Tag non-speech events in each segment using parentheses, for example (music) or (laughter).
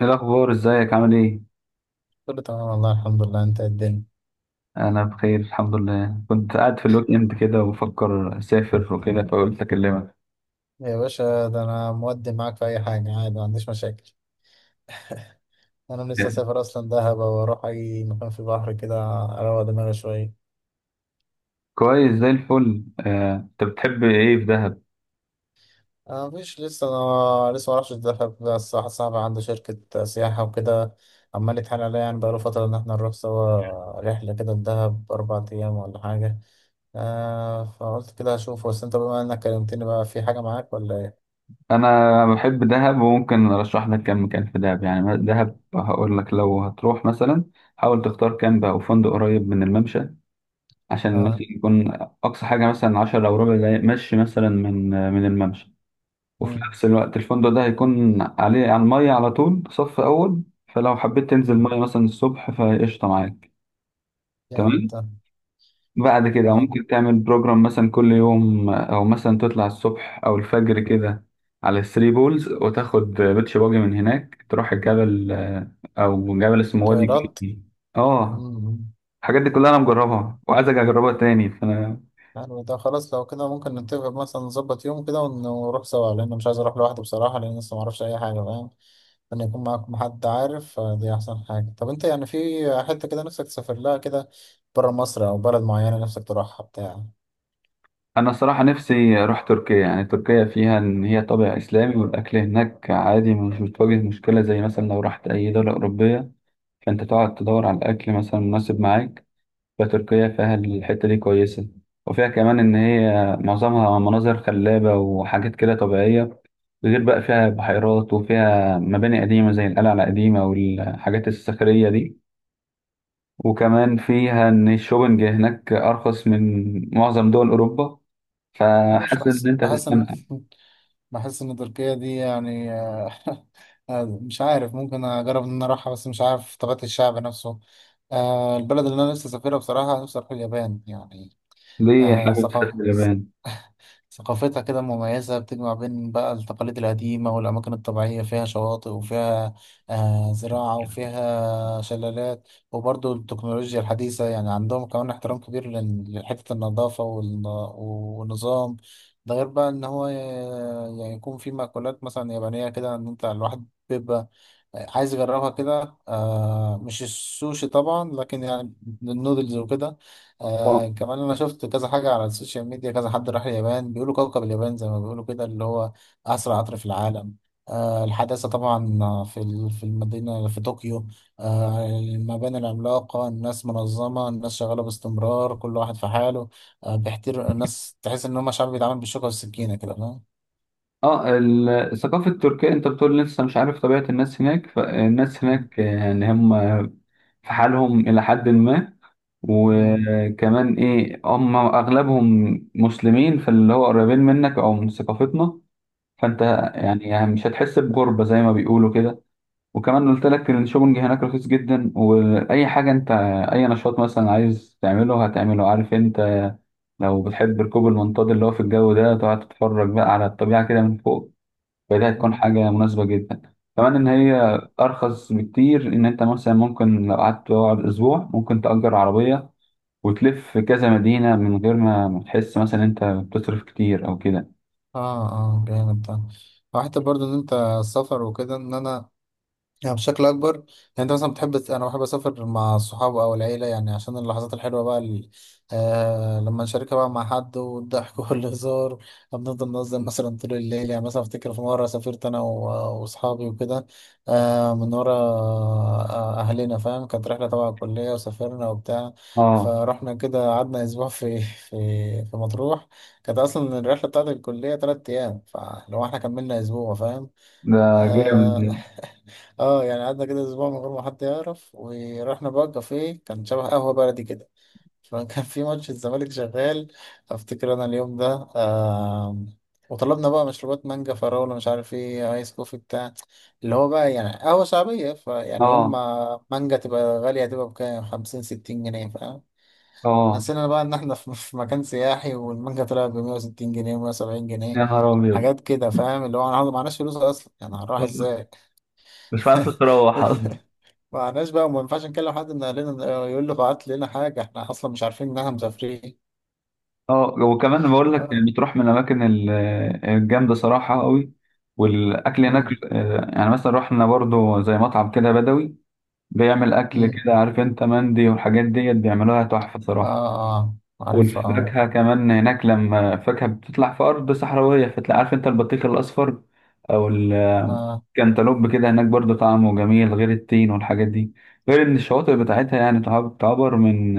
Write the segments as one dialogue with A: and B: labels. A: ايه الاخبار، ازيك؟ عامل ايه؟
B: كله تمام والله، الحمد لله. انت إيه الدنيا؟
A: انا بخير الحمد لله. كنت قاعد في الويك اند كده وبفكر اسافر وكده فقلت اكلمك.
B: يا باشا، ده انا مودي معاك في اي حاجه، عادي ما عنديش مشاكل. (laughs) انا لسه سافر اصلا دهب، واروح اي مكان في البحر كده اروق دماغي شويه.
A: كويس زي الفل. آه، انت بتحب ايه في دهب؟
B: انا مفيش لسه. انا لسه ما اعرفش دهب، بس واحد صاحبي عنده شركه سياحه وكده عمال يتحايل عليا، يعني بقاله فتره ان احنا نروح سوا رحله كده لدهب 4 ايام ولا حاجه. آه فقلت كده اشوف، بس انت بما انك كلمتني بقى في حاجه معاك ولا ايه؟
A: انا بحب دهب وممكن ارشح لك كام مكان في دهب. يعني دهب هقول لك لو هتروح مثلا حاول تختار كامب او فندق قريب من الممشى عشان المشي
B: اه.
A: يكون اقصى حاجه مثلا 10 او ربع دقايق مشي مثلا من الممشى. وفي
B: امم.
A: نفس الوقت الفندق ده هيكون عليه على المية على طول صف أول، فلو حبيت تنزل مية مثلا الصبح فقشطة معاك.
B: يعني
A: تمام.
B: انت.
A: بعد كده
B: اه.
A: ممكن تعمل بروجرام مثلا كل يوم أو مثلا تطلع الصبح أو الفجر كده على الثري بولز وتاخد بيتش باجي من هناك تروح الجبل، أو جبل اسمه وادي
B: طيارات.
A: جدي. اه،
B: مم.
A: الحاجات دي كلها أنا مجربها وعايز أجي أجربها تاني، فأنا.
B: يعني ده خلاص لو كده ممكن نتفق مثلا نظبط يوم كده ونروح سوا، لأن مش عايز أروح لوحدي بصراحة، لأن لسه معرفش أي حاجة، فاهم إن يكون معاكم حد عارف. دي أحسن حاجة. طب أنت يعني في حتة كده نفسك تسافر لها كده، برا مصر أو بلد معينة نفسك تروحها بتاع.
A: انا صراحة نفسي اروح تركيا. يعني تركيا فيها ان هي طابع اسلامي والاكل هناك عادي، مش بتواجه مشكلة زي مثلا لو رحت اي دولة اوروبية فانت تقعد تدور على الاكل مثلا مناسب معاك. فتركيا فيها الحتة دي كويسة، وفيها كمان ان هي معظمها مناظر خلابة وحاجات كده طبيعية، غير بقى فيها بحيرات وفيها مباني قديمة زي القلعة القديمة والحاجات الصخرية دي. وكمان فيها إن الشوبنج هناك أرخص من معظم دول أوروبا،
B: معرفش،
A: فحاسس
B: بحس
A: إن أنت
B: بحس إن
A: هتسلمها.
B: (laughs) بحس إن تركيا دي يعني. (laughs) مش عارف، ممكن أجرب إن أنا أروحها، بس مش عارف طبيعة الشعب نفسه. البلد اللي أنا نفسي أسافرها بصراحة نفسي أروح اليابان يعني.
A: ليه
B: آه،
A: حابب تسافر
B: ثقافة.
A: اليابان؟
B: (laughs) ثقافتها كده مميزة، بتجمع بين بقى التقاليد القديمة والأماكن الطبيعية، فيها شواطئ وفيها زراعة وفيها شلالات وبرضو التكنولوجيا الحديثة. يعني عندهم كمان احترام كبير لحتة النظافة والنظام. ده غير بقى إن هو يعني يكون في مأكولات مثلا يابانية كده، إن أنت الواحد بيبقى عايز اجربها كده، مش السوشي طبعا لكن يعني النودلز وكده.
A: اه.
B: كمان انا شفت كذا حاجه على السوشيال ميديا، كذا حد راح اليابان بيقولوا كوكب اليابان، زي ما بيقولوا كده، اللي هو اسرع قطر في العالم. الحداثه طبعا في المدينه في طوكيو. المباني العملاقه، الناس منظمه، الناس شغاله باستمرار، كل واحد في حاله. بيحترم الناس، تحس ان هم شعب بيتعامل بالشوكه والسكينه كده، فاهم.
A: اه، الثقافة التركية. أنت بتقول لسه مش عارف طبيعة الناس هناك، فالناس
B: مم.
A: هناك يعني هم في حالهم إلى حد ما،
B: مم.
A: وكمان هم أغلبهم مسلمين، فاللي هو قريبين منك أو من ثقافتنا، فأنت يعني مش هتحس بغربة زي ما بيقولوا كده. وكمان قلت لك إن الشوبنج هناك رخيص جدا، واي حاجه انت، اي نشاط مثلا عايز تعمله هتعمله، عارف انت. لو بتحب ركوب المنطاد اللي هو في الجو ده تقعد تتفرج بقى على الطبيعه كده من فوق، فده هتكون
B: مم.
A: حاجه مناسبه جدا. كمان ان هي ارخص بكتير، ان انت مثلا ممكن لو قعدت تقعد اسبوع ممكن تأجر عربيه وتلف كذا مدينه من غير ما تحس مثلا انت بتصرف كتير او كده.
B: اه، اه، جامد ده. وحتى برضو ان انت السفر وكده، ان انا يعني بشكل اكبر يعني. انت مثلا بتحب، انا بحب اسافر مع الصحاب او العيله، يعني عشان اللحظات الحلوه بقى لما نشاركها بقى مع حد، والضحك (laughs) والهزار. بنفضل نهزر مثلا طول الليل. يعني مثلا افتكر في مره سافرت انا واصحابي وكده، من ورا اهلنا فاهم. كانت رحله تبع الكليه، وسافرنا وبتاع،
A: اه
B: فرحنا كده قعدنا اسبوع (laughs) في مطروح. كانت اصلا الرحله بتاعت الكليه 3 ايام، فلو احنا كملنا اسبوع فاهم.
A: ده
B: آه،
A: جامد.
B: اه يعني قعدنا كده اسبوع من غير ما حد يعرف. ورحنا بقى كافيه كان شبه قهوه بلدي كده، (laughs) فكان في ماتش الزمالك شغال، افتكر انا اليوم ده. آه. وطلبنا بقى مشروبات، مانجا فراوله مش عارف ايه ايس كوفي بتاع، اللي هو بقى يعني قهوه شعبيه. فيعني يوم
A: اه.
B: ما مانجا تبقى غاليه تبقى بكام، 50 60 جنيه فاهم.
A: اه.
B: نسينا بقى ان احنا (laughs) في مكان سياحي، والمانجا طلعت ب 160 جنيه و170 جنيه،
A: يا نهار ابيض!
B: حاجات كده فاهم. اللي هو انا معناش فلوس اصلا، يعني هنروح ازاي؟
A: مش عارف تروح اصلا.
B: (laughs) معناش بقى، وما ينفعش نكلم حد من اهلنا يقول له بعت لنا حاجه، احنا اصلا مش عارفين انها مسافرين.
A: اه، وكمان بقول لك
B: اه.
A: اللي بتروح من الاماكن الجامده صراحه قوي. والاكل هناك،
B: امم.
A: يعني مثلا رحنا برضو زي مطعم كده بدوي بيعمل اكل
B: امم.
A: كده، عارف انت، مندي والحاجات ديت بيعملوها تحفه
B: اه.
A: صراحه.
B: آه، عارف. اه.
A: والفاكهه كمان هناك لما الفاكهه بتطلع في ارض صحراويه فتلاقي، عارف انت، البطيخ الاصفر او
B: اه.
A: الكنتالوب كده هناك برضو طعمه جميل، غير التين والحاجات دي. غير ان الشواطئ بتاعتها يعني تعتبر من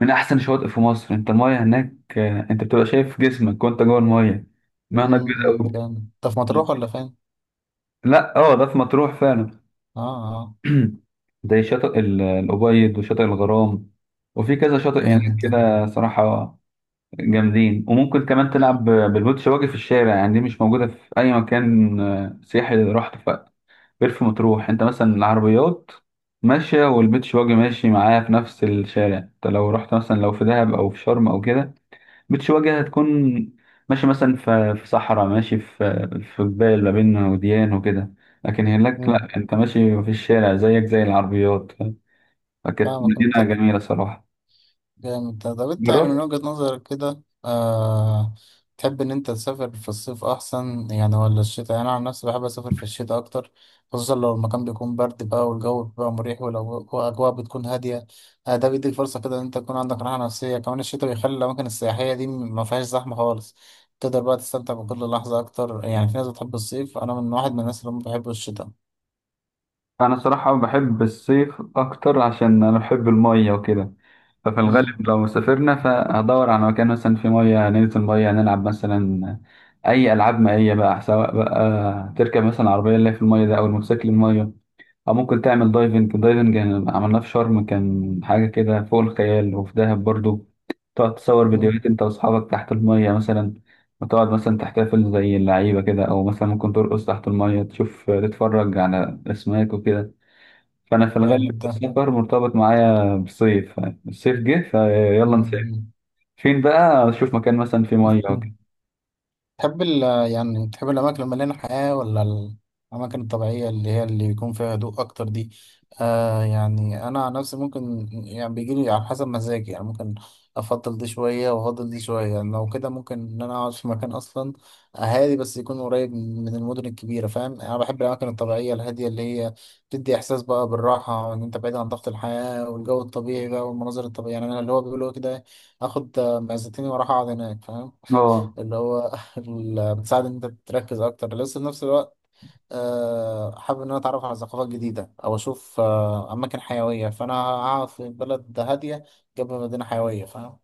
A: من احسن الشواطئ في مصر. انت المايه هناك، انت بتبقى شايف جسمك وانت جوه المايه. مهنة
B: امم.
A: كبيرة
B: أمم،
A: قوي.
B: جامد. انت في مطروح ولا فين؟
A: لا. اه، ده في مطروح فعلا.
B: اه. اه،
A: (clears throat) زي شاطئ الأبيض وشاطئ الغرام، وفي كذا شاطئ هناك
B: جامد ده.
A: كده صراحة جامدين. وممكن كمان تلعب بالبوت شواجه في الشارع، يعني دي مش موجودة في أي مكان سياحي غير في مطروح. أنت مثلا العربيات ماشية والبيت شواجه ماشي معاها في نفس الشارع. أنت لو رحت مثلا لو في دهب أو في شرم أو كده بتش واجهة هتكون ماشي مثلا في صحراء، ماشي في جبال ما بين وديان وكده. لكن هناك
B: امم.
A: لا، انت ماشي في الشارع زيك زي العربيات. فكانت
B: فاهمك
A: مدينة
B: انت.
A: جميلة صراحة.
B: جامد ده. طب انت يعني من
A: جربت.
B: وجهة نظرك كده، تحب ان انت تسافر في الصيف احسن يعني، ولا الشتاء؟ يعني انا عن نفسي بحب اسافر في الشتاء اكتر، خصوصا لو المكان بيكون برد بقى، والجو بيبقى مريح، والاجواء بتكون هادية. ده بيديك فرصة كده ان انت تكون عندك راحة نفسية. كمان الشتاء بيخلي الاماكن السياحية دي ما فيهاش زحمة خالص، تقدر بقى تستمتع بكل لحظة اكتر. يعني في ناس بتحب الصيف، انا من واحد من الناس اللي ما بحب الشتاء.
A: انا صراحة بحب الصيف اكتر عشان انا بحب المية وكده. ففي الغالب
B: مم.
A: لو سافرنا فهدور على مكان مثلا فيه مية، ننزل مية نلعب مثلا اي العاب مائية بقى، سواء بقى تركب مثلا عربية اللي هي في المية ده او الموتوسيكل المية، أو ممكن تعمل دايفنج. يعني عملناه في شرم كان حاجة كده فوق الخيال، وفي دهب برضو تقعد تصور
B: مم.
A: فيديوهات أنت وأصحابك تحت المية مثلا، وتقعد مثلا تحتفل زي اللعيبة كده، أو مثلا ممكن ترقص تحت المية تشوف تتفرج على أسماك وكده. فأنا في الغالب
B: جامد ده.
A: السفر مرتبط معايا بالصيف. الصيف جه فيلا نسافر
B: مم.
A: فين بقى، أشوف مكان مثلا فيه مية وكده.
B: مم. (laughs) تحب ال يعني تحب الأماكن المليانة حياة، ولا الأماكن الطبيعية اللي هي اللي يكون فيها هدوء أكتر دي؟ يعني أنا عن نفسي ممكن يعني بيجيلي على حسب مزاجي. يعني ممكن أفضل دي شوية وأفضل دي شوية. يعني لو كده ممكن إن أنا أقعد في مكان أصلا هادي، بس يكون قريب من المدن الكبيرة، فاهم؟ أنا بحب الأماكن الطبيعية الهادية اللي هي بتدي إحساس بقى بالراحة، إن أنت بعيد عن ضغط الحياة، والجو الطبيعي بقى والمناظر الطبيعية. يعني أنا اللي هو بيقولوا كده إيه، آخد معزتين وأروح أقعد هناك، فاهم؟
A: أه.
B: اللي هو (laughs) اللي بتساعد ان انت تركز اكتر، لسه في نفس الوقت حابب ان انا اتعرف على ثقافات جديده او اشوف اماكن حيويه، فانا هقعد في بلد هاديه جنب مدينه حيويه، فاهم.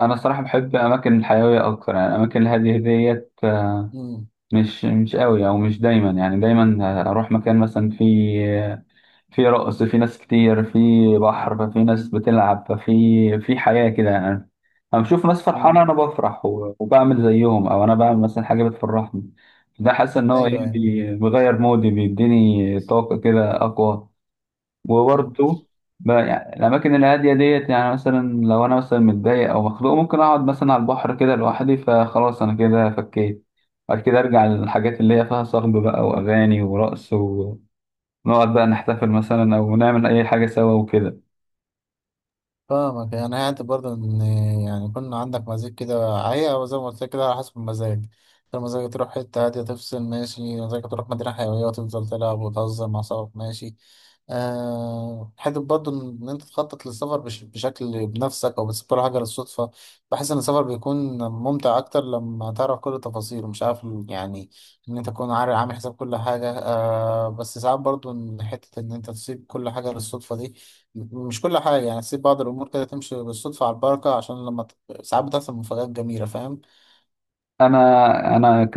A: أنا الصراحة بحب أماكن الحيوية أكتر. يعني الأماكن الهادية ديت
B: امم.
A: مش قوي، او مش دايما. يعني دايما اروح مكان مثلا في رقص، في ناس كتير، في بحر، ففي ناس بتلعب، ففي حياة كده يعني. انا بشوف ناس
B: أمم.
A: فرحانة انا بفرح، وبعمل زيهم، او انا بعمل مثلا حاجة بتفرحني. ده حاسس ان هو
B: ايوه، ايوه.
A: بيغير مودي، بيديني طاقة كده اقوى.
B: أمم.
A: وبرضه يعني الأماكن الهادية ديت، يعني مثلا لو أنا مثلا متضايق أو مخنوق ممكن أقعد مثلا على البحر كده لوحدي، فخلاص أنا كده فكيت. بعد كده أرجع للحاجات اللي هي فيها صخب بقى وأغاني ورقص، ونقعد بقى نحتفل مثلا أو نعمل أي حاجة سوا وكده.
B: فاهمك. يعني هي برضه ان يعني يكون عندك مزاج كده، هي أو زي ما قلت لك كده على حسب المزاج. لو مزاجك تروح حته هاديه تفصل، ماشي. مزاجك تروح مدينه حيويه وتفضل تلعب وتهزر مع صحابك، ماشي. حته برضه ان انت تخطط للسفر بشكل بنفسك او بتسيب كل حاجه للصدفه. بحس ان السفر بيكون ممتع اكتر لما تعرف كل التفاصيل، مش عارف يعني ان انت تكون عارف عامل حساب كل حاجه. بس ساعات برضه ان حته ان انت تسيب كل حاجه للصدفه دي، مش كل حاجه، يعني تسيب بعض الامور كده تمشي بالصدفه على البركه، عشان لما ساعات بتحصل مفاجآت جميله، فاهم.
A: انا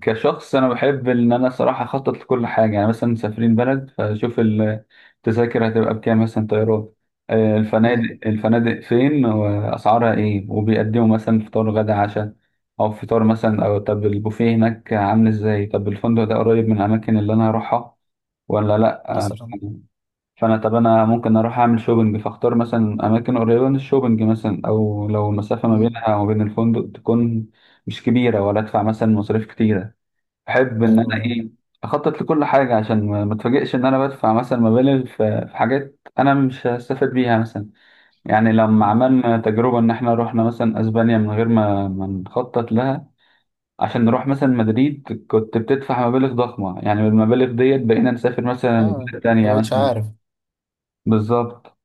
A: كشخص انا بحب ان انا صراحه اخطط لكل حاجه. يعني مثلا مسافرين بلد فاشوف التذاكر هتبقى بكام مثلا، طيران،
B: مم،
A: الفنادق فين واسعارها ايه، وبيقدموا مثلا فطار غدا عشاء او فطار مثلا، او طب البوفيه هناك عامل ازاي، طب الفندق ده قريب من الاماكن اللي انا هروحها ولا لا
B: مثلا.
A: فانا طب انا ممكن اروح اعمل شوبنج فاختار مثلا اماكن قريبه من الشوبنج مثلا، او لو المسافه ما
B: مم.
A: بينها وما بين الفندق تكون مش كبيره ولا ادفع مثلا مصاريف كتيره. بحب ان
B: حلو
A: انا
B: ده.
A: ايه اخطط لكل حاجه عشان ما اتفاجئش ان انا بدفع مثلا مبالغ في حاجات انا مش هستفاد بيها مثلا. يعني لما
B: مم.
A: عملنا تجربه ان احنا رحنا مثلا اسبانيا من غير ما نخطط لها عشان نروح مثلا مدريد كنت بتدفع مبالغ ضخمه، يعني بالمبالغ ديت بقينا نسافر مثلا
B: ايوه.
A: بلاد
B: ما
A: تانية
B: بقتش
A: مثلا.
B: عارف.
A: بالظبط.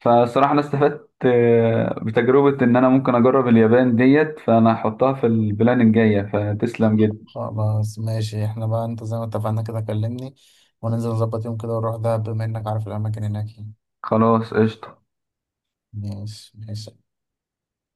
A: فصراحة أنا استفدت، بتجربة إن أنا ممكن أجرب اليابان ديت، فأنا هحطها في البلان الجاية. فتسلم جدا.
B: خلاص ماشي. احنا بقى انت زي ما اتفقنا كده كلمني، وننزل نظبط يوم كده ونروح دهب، بما انك عارف الاماكن هناك يعني.
A: خلاص قشطة.
B: ماشي ماشي